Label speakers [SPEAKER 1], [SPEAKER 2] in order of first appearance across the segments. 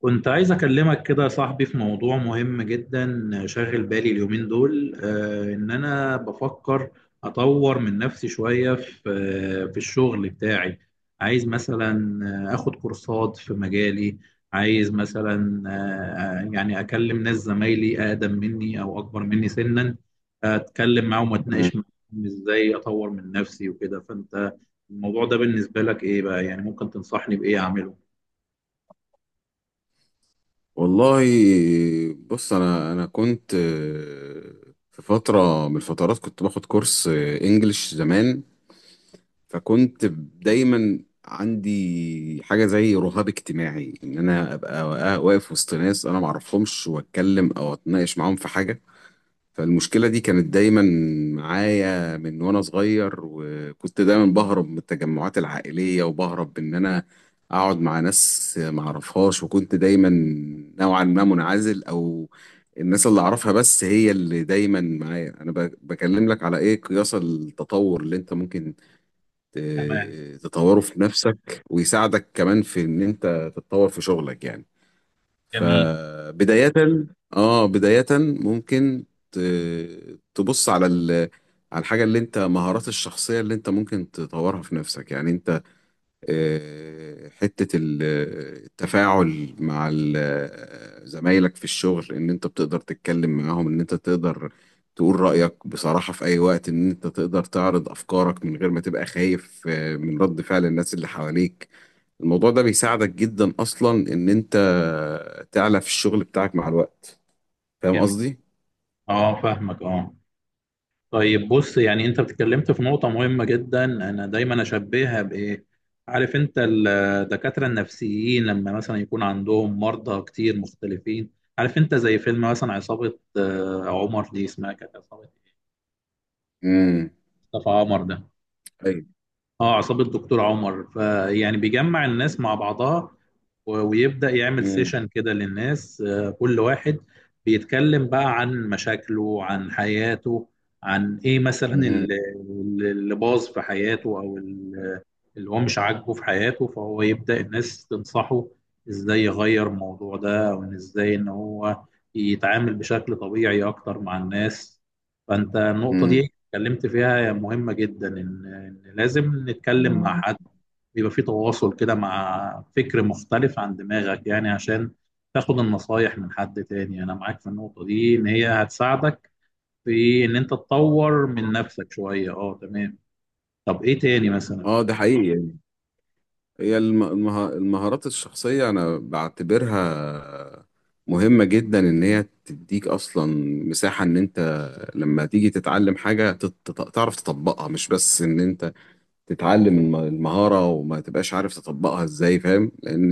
[SPEAKER 1] كنت عايز أكلمك كده يا صاحبي في موضوع مهم جدا شاغل بالي اليومين دول، إن أنا بفكر أطور من نفسي شوية في الشغل بتاعي. عايز مثلا آخد كورسات في مجالي. عايز مثلا، يعني أكلم ناس زمايلي أقدم مني أو أكبر مني سنا. أتكلم معاهم
[SPEAKER 2] مم.
[SPEAKER 1] وأتناقش معاهم إزاي أطور من نفسي وكده. فأنت الموضوع ده بالنسبة لك إيه بقى؟ يعني ممكن تنصحني بإيه أعمله؟
[SPEAKER 2] والله، بص. انا كنت في فتره من الفترات كنت باخد كورس انجليش زمان. فكنت دايما عندي حاجه زي رهاب اجتماعي، ان انا ابقى واقف وسط ناس انا ما اعرفهمش واتكلم او اتناقش معاهم في حاجه. فالمشكلة دي كانت دايما معايا من وانا صغير، وكنت دايما بهرب من التجمعات العائلية وبهرب ان انا اقعد مع ناس معرفهاش، وكنت دايما نوعا ما منعزل، او الناس اللي اعرفها بس هي اللي دايما معايا. انا بكلم لك على ايه؟ قياس التطور اللي انت ممكن
[SPEAKER 1] تمام.
[SPEAKER 2] تطوره في نفسك ويساعدك كمان في ان انت تتطور في شغلك يعني.
[SPEAKER 1] جميل.
[SPEAKER 2] فبداية اه بداية ممكن ت- تبص على على الحاجة اللي انت، مهارات الشخصية اللي انت ممكن تطورها في نفسك. يعني انت حتة التفاعل مع زمايلك في الشغل، ان انت بتقدر تتكلم معاهم، ان انت تقدر تقول رأيك بصراحة في اي وقت، ان انت تقدر تعرض افكارك من غير ما تبقى خايف من رد فعل الناس اللي حواليك. الموضوع ده بيساعدك جدا اصلا ان انت تعلى في الشغل بتاعك مع الوقت. فاهم
[SPEAKER 1] جميل،
[SPEAKER 2] قصدي؟
[SPEAKER 1] اه، فاهمك، اه. طيب، بص يعني انت اتكلمت في نقطة مهمة جدا. انا دايما اشبهها بايه، عارف انت؟ الدكاترة النفسيين لما مثلا يكون عندهم مرضى كتير مختلفين، عارف انت، زي فيلم مثلا عصابة عمر دي اسمها كانت عصابة
[SPEAKER 2] امم.
[SPEAKER 1] مصطفى عمر ده.
[SPEAKER 2] ايوه.
[SPEAKER 1] اه، عصابة دكتور عمر. فيعني بيجمع الناس مع بعضها ويبدأ يعمل
[SPEAKER 2] امم.
[SPEAKER 1] سيشن كده للناس، كل واحد بيتكلم بقى عن مشاكله، عن حياته، عن ايه مثلا اللي باظ في حياته، او اللي هو مش عاجبه في حياته. فهو يبدأ الناس تنصحه ازاي يغير الموضوع ده، او إن ازاي ان هو يتعامل بشكل طبيعي اكتر مع الناس. فانت النقطة دي
[SPEAKER 2] امم.
[SPEAKER 1] اتكلمت فيها مهمة جدا، ان إن لازم نتكلم مع حد بيبقى في تواصل كده مع فكر مختلف عن دماغك يعني عشان تاخد النصايح من حد تاني. انا معاك في النقطة دي ان هي هتساعدك في ان انت تطور من نفسك شوية. اه، تمام. طب ايه تاني مثلا؟
[SPEAKER 2] اه، ده حقيقي. هي المهارات الشخصية أنا بعتبرها مهمة جدا، إن هي تديك أصلا مساحة إن أنت لما تيجي تتعلم حاجة تعرف تطبقها، مش بس إن أنت تتعلم المهارة وما تبقاش عارف تطبقها إزاي، فاهم؟ لأن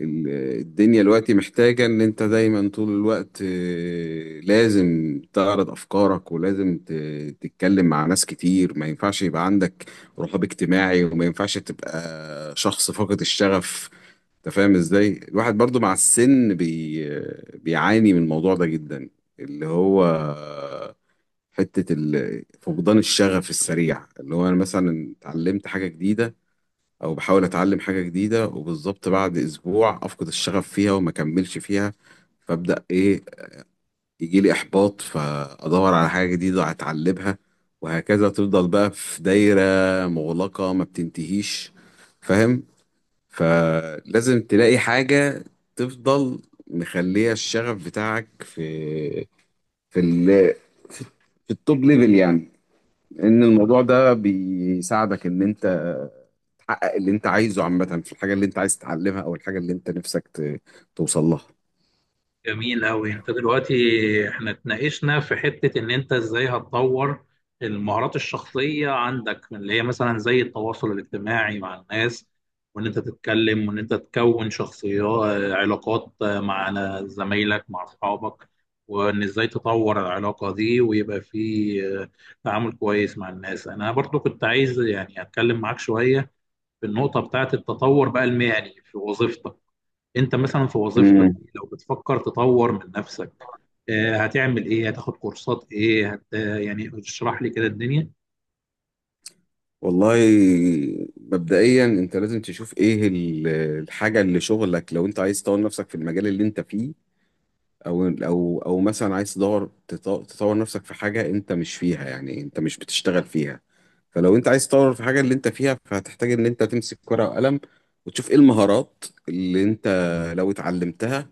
[SPEAKER 2] ال- الدنيا دلوقتي محتاجة إن أنت دايما طول الوقت لازم تعرض أفكارك، ولازم تتكلم مع ناس كتير. ما ينفعش يبقى عندك رهاب اجتماعي، وما ينفعش تبقى شخص فاقد الشغف. أنت فاهم إزاي؟ الواحد برضو مع السن بيعاني من الموضوع ده جدا، اللي هو حتة فقدان الشغف السريع. اللي هو أنا مثلا اتعلمت حاجة جديدة، او بحاول اتعلم حاجة جديدة، وبالظبط بعد اسبوع افقد الشغف فيها وما اكملش فيها. فابدا ايه؟ يجي لي احباط، فادور على حاجة جديدة اتعلمها، وهكذا. تفضل بقى في دايرة مغلقة ما بتنتهيش، فاهم؟ فلازم تلاقي حاجة تفضل مخلية الشغف بتاعك في في ال في في التوب ليفل يعني. ان الموضوع ده بيساعدك ان انت تحقق اللي انت عايزه عامة في الحاجة اللي انت عايز تتعلمها، او الحاجة اللي انت نفسك توصل لها.
[SPEAKER 1] جميل أوي. أنت دلوقتي إحنا اتناقشنا في حتة إن أنت إزاي هتطور المهارات الشخصية عندك، اللي هي مثلا زي التواصل الاجتماعي مع الناس، وإن أنت تتكلم، وإن أنت تكون شخصيات علاقات مع زمايلك، مع أصحابك. وإن إزاي تطور العلاقة دي، ويبقى في تعامل كويس مع الناس. أنا برضو كنت عايز يعني أتكلم معاك شوية في النقطة بتاعة التطور بقى المهني في وظيفتك. انت مثلا في وظيفتك
[SPEAKER 2] امم.
[SPEAKER 1] دي لو بتفكر تطور من نفسك، هتعمل ايه؟ هتاخد كورسات ايه؟ يعني اشرح لي كده الدنيا.
[SPEAKER 2] والله، مبدئيا انت لازم تشوف ايه الحاجة اللي شغلك، لو انت عايز تطور نفسك في المجال اللي انت فيه، او مثلا عايز تدور تطور نفسك في حاجه انت مش فيها، يعني انت مش بتشتغل فيها. فلو انت عايز تطور في حاجه اللي انت فيها، فهتحتاج ان انت تمسك ورقه وقلم وتشوف ايه المهارات اللي انت لو اتعلمتها،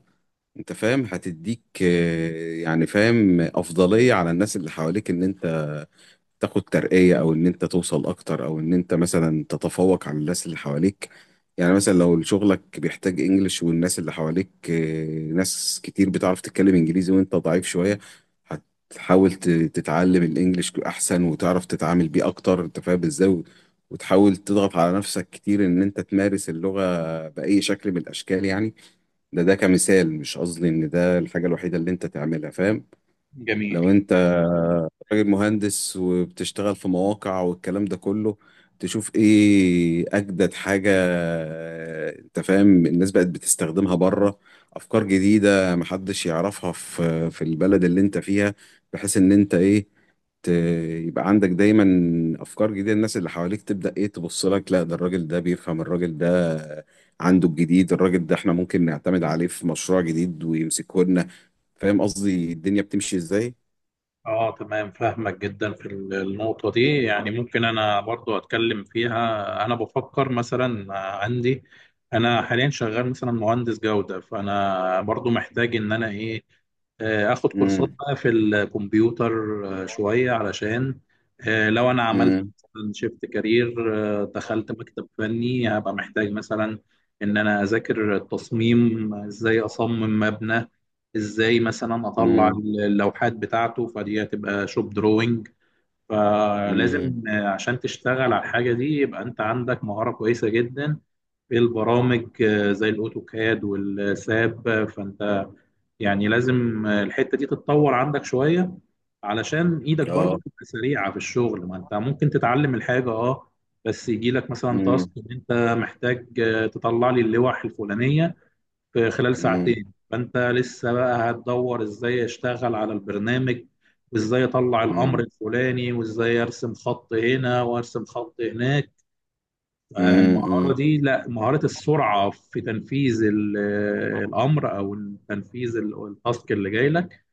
[SPEAKER 2] انت فاهم، هتديك يعني، فاهم، افضليه على الناس اللي حواليك، ان انت تاخد ترقية، او ان انت توصل اكتر، او ان انت مثلا تتفوق على الناس اللي حواليك. يعني مثلا لو شغلك بيحتاج انجليش، والناس اللي حواليك ناس كتير بتعرف تتكلم انجليزي وانت ضعيف شوية، هتحاول تتعلم الانجليش احسن وتعرف تتعامل بيه اكتر. انت فاهم ازاي؟ وتحاول تضغط على نفسك كتير ان انت تمارس اللغة بأي شكل من الاشكال يعني. ده كمثال، مش قصدي ان ده الحاجة الوحيدة اللي انت تعملها، فاهم؟
[SPEAKER 1] جميل.
[SPEAKER 2] لو انت راجل مهندس وبتشتغل في مواقع والكلام ده كله، تشوف ايه اجدد حاجة انت فاهم الناس بقت بتستخدمها بره، افكار جديدة محدش يعرفها في البلد اللي انت فيها، بحيث ان انت ايه؟ ت- يبقى عندك دايما افكار جديدة، الناس اللي حواليك تبدأ ايه؟ تبص لك، لا ده الراجل ده بيفهم، الراجل ده عنده الجديد، الراجل ده احنا ممكن نعتمد عليه في مشروع جديد ويمسكه لنا. فاهم قصدي الدنيا بتمشي ازاي؟
[SPEAKER 1] اه، تمام، فاهمك جدا في النقطة دي. يعني ممكن انا برضو اتكلم فيها. انا بفكر مثلا، عندي انا حاليا شغال مثلا مهندس جودة، فانا برضو محتاج ان انا ايه، اخد كورسات
[SPEAKER 2] امم.
[SPEAKER 1] بقى في الكمبيوتر، شوية علشان لو انا عملت
[SPEAKER 2] امم.
[SPEAKER 1] شيفت كارير، دخلت مكتب فني، هبقى محتاج مثلا ان انا اذاكر التصميم، ازاي اصمم مبنى، ازاي مثلا اطلع
[SPEAKER 2] امم.
[SPEAKER 1] اللوحات بتاعته. فدي هتبقى شوب دروينج.
[SPEAKER 2] امم.
[SPEAKER 1] فلازم، عشان تشتغل على الحاجه دي، يبقى انت عندك مهاره كويسه جدا في البرامج، زي الاوتوكاد والساب. فانت يعني لازم، الحته دي تتطور عندك شويه علشان ايدك برضه
[SPEAKER 2] اه.
[SPEAKER 1] تبقى سريعه في الشغل. ما انت ممكن تتعلم الحاجه، اه، بس يجي لك مثلا تاسك
[SPEAKER 2] امم.
[SPEAKER 1] ان انت محتاج، تطلع لي اللوح الفلانيه في خلال
[SPEAKER 2] امم.
[SPEAKER 1] ساعتين. فانت لسه بقى هتدور ازاي اشتغل على البرنامج، وازاي اطلع الامر
[SPEAKER 2] امم.
[SPEAKER 1] الفلاني، وازاي ارسم خط هنا وارسم خط هناك. المهارة
[SPEAKER 2] امم.
[SPEAKER 1] دي، لا، مهارة السرعة في تنفيذ الامر او تنفيذ التاسك اللي جاي لك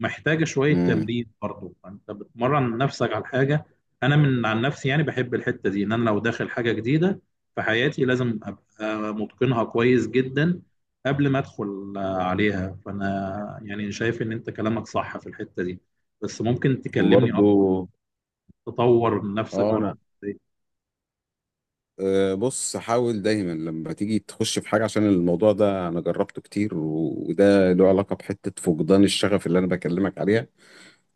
[SPEAKER 1] محتاجة شوية
[SPEAKER 2] امم.
[SPEAKER 1] تمرين برضه. فأنت بتمرن نفسك على حاجة. أنا من عن نفسي يعني بحب الحتة دي، إن أنا لو داخل حاجة جديدة في حياتي لازم أبقى متقنها كويس جدا قبل ما أدخل عليها فأنا يعني شايف إن أنت كلامك صح في الحتة دي. بس ممكن تكلمني
[SPEAKER 2] وبرضو،
[SPEAKER 1] أكتر تطور من نفسك
[SPEAKER 2] اه
[SPEAKER 1] برضه؟
[SPEAKER 2] انا، بص، حاول دايما لما تيجي تخش في حاجه، عشان الموضوع ده انا جربته كتير، و- وده له علاقه بحته فقدان الشغف اللي انا بكلمك عليها.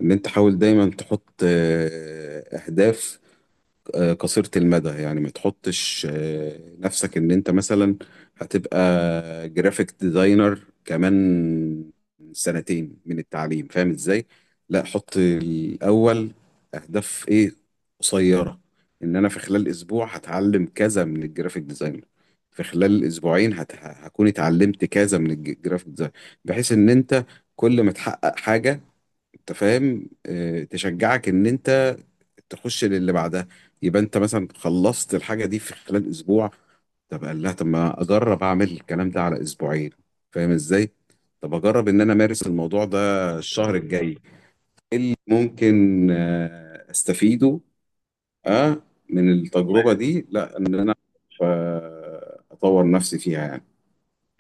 [SPEAKER 2] ان انت حاول دايما تحط اهداف قصيرة المدى. يعني ما تحطش نفسك ان انت مثلا هتبقى جرافيك ديزاينر كمان سنتين من التعليم، فاهم ازاي؟ لا، حط الاول اهداف ايه؟ قصيرة. ان انا في خلال اسبوع هتعلم كذا من الجرافيك ديزاينر، في خلال اسبوعين هكون اتعلمت كذا من الجرافيك ديزاينر، بحيث ان انت كل ما تحقق حاجة، انت فاهم، تشجعك ان انت تخش للي بعدها. يبقى انت مثلا خلصت الحاجه دي في خلال اسبوع، طب قال لها طب ما اجرب اعمل الكلام ده على اسبوعين، فاهم ازاي؟ طب اجرب ان انا امارس الموضوع ده الشهر الجاي، ايه اللي ممكن استفيده اه من التجربه دي؟ لا، ان انا اطور نفسي فيها يعني.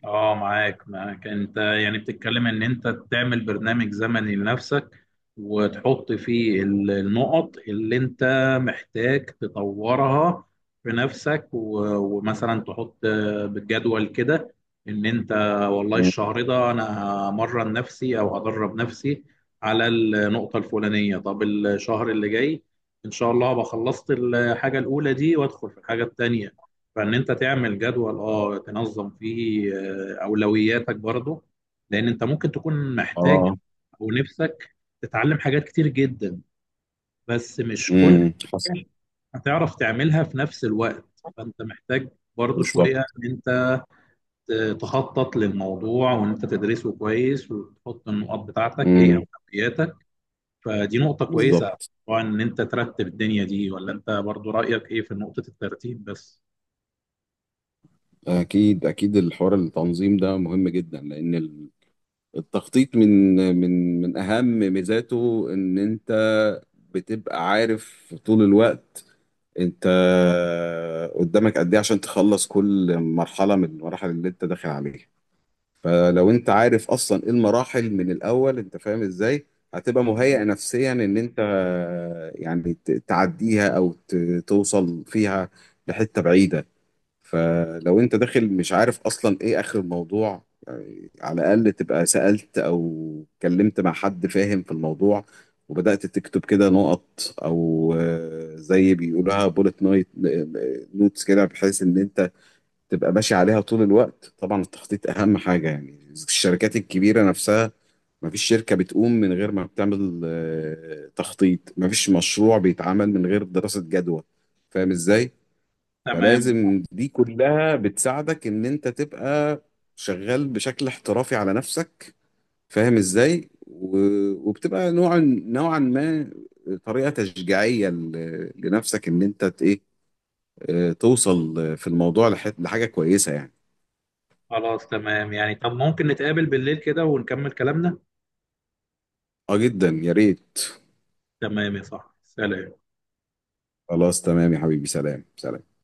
[SPEAKER 1] اه، معاك انت. يعني بتتكلم ان انت تعمل برنامج زمني لنفسك، وتحط فيه النقط اللي انت محتاج تطورها في نفسك، ومثلا تحط بالجدول كده ان انت، والله،
[SPEAKER 2] مم.
[SPEAKER 1] الشهر ده انا همرن نفسي او هدرب نفسي على النقطة الفلانية. طب الشهر اللي جاي ان شاء الله هبقى خلصت الحاجة الاولى دي وادخل في الحاجة التانية. فان انت تعمل جدول، اه، تنظم فيه اولوياتك برضه، لان انت ممكن تكون محتاج
[SPEAKER 2] اه.
[SPEAKER 1] او نفسك تتعلم حاجات كتير جدا بس مش كل
[SPEAKER 2] امم. حصل.
[SPEAKER 1] حاجة هتعرف تعملها في نفس الوقت. فانت محتاج برضه شويه
[SPEAKER 2] بالظبط.
[SPEAKER 1] ان انت تخطط للموضوع، وان انت تدرسه كويس، وتحط النقاط بتاعتك ايه
[SPEAKER 2] امم.
[SPEAKER 1] اولوياتك. فدي نقطه كويسه
[SPEAKER 2] بالظبط.
[SPEAKER 1] طبعا، ان انت ترتب الدنيا دي. ولا انت برضه رايك ايه في نقطه الترتيب بس؟
[SPEAKER 2] أكيد أكيد، الحوار التنظيم ده مهم جدا، لأن التخطيط من أهم ميزاته إن أنت بتبقى عارف طول الوقت أنت قدامك قد إيه عشان تخلص كل مرحلة من المراحل اللي أنت داخل عليها. فلو أنت عارف أصلا إيه المراحل من الأول، أنت فاهم إزاي هتبقى مهيئ نفسيا، إن أنت يعني تعديها أو توصل فيها لحتة بعيدة. فلو انت داخل مش عارف اصلا ايه اخر الموضوع، يعني على الاقل تبقى سألت او اتكلمت مع حد فاهم في الموضوع، وبدأت تكتب كده نقط او زي بيقولها، بولت نايت نوتس كده، بحيث ان انت تبقى ماشي عليها طول الوقت. طبعا التخطيط اهم حاجة يعني. الشركات الكبيرة نفسها، مفيش شركة بتقوم من غير ما بتعمل تخطيط، مفيش مشروع بيتعمل من غير دراسة جدوى. فاهم ازاي؟
[SPEAKER 1] تمام.
[SPEAKER 2] فلازم دي كلها بتساعدك ان انت تبقى شغال بشكل احترافي على نفسك، فاهم ازاي؟ وبتبقى نوعا ما طريقة تشجيعية لنفسك ان انت ايه توصل في الموضوع لحاجة كويسة يعني.
[SPEAKER 1] خلاص، تمام يعني. طب ممكن نتقابل بالليل كده ونكمل كلامنا؟
[SPEAKER 2] اه، جدا يا ريت.
[SPEAKER 1] تمام يا صاحبي، سلام.
[SPEAKER 2] خلاص تمام يا حبيبي، سلام سلام.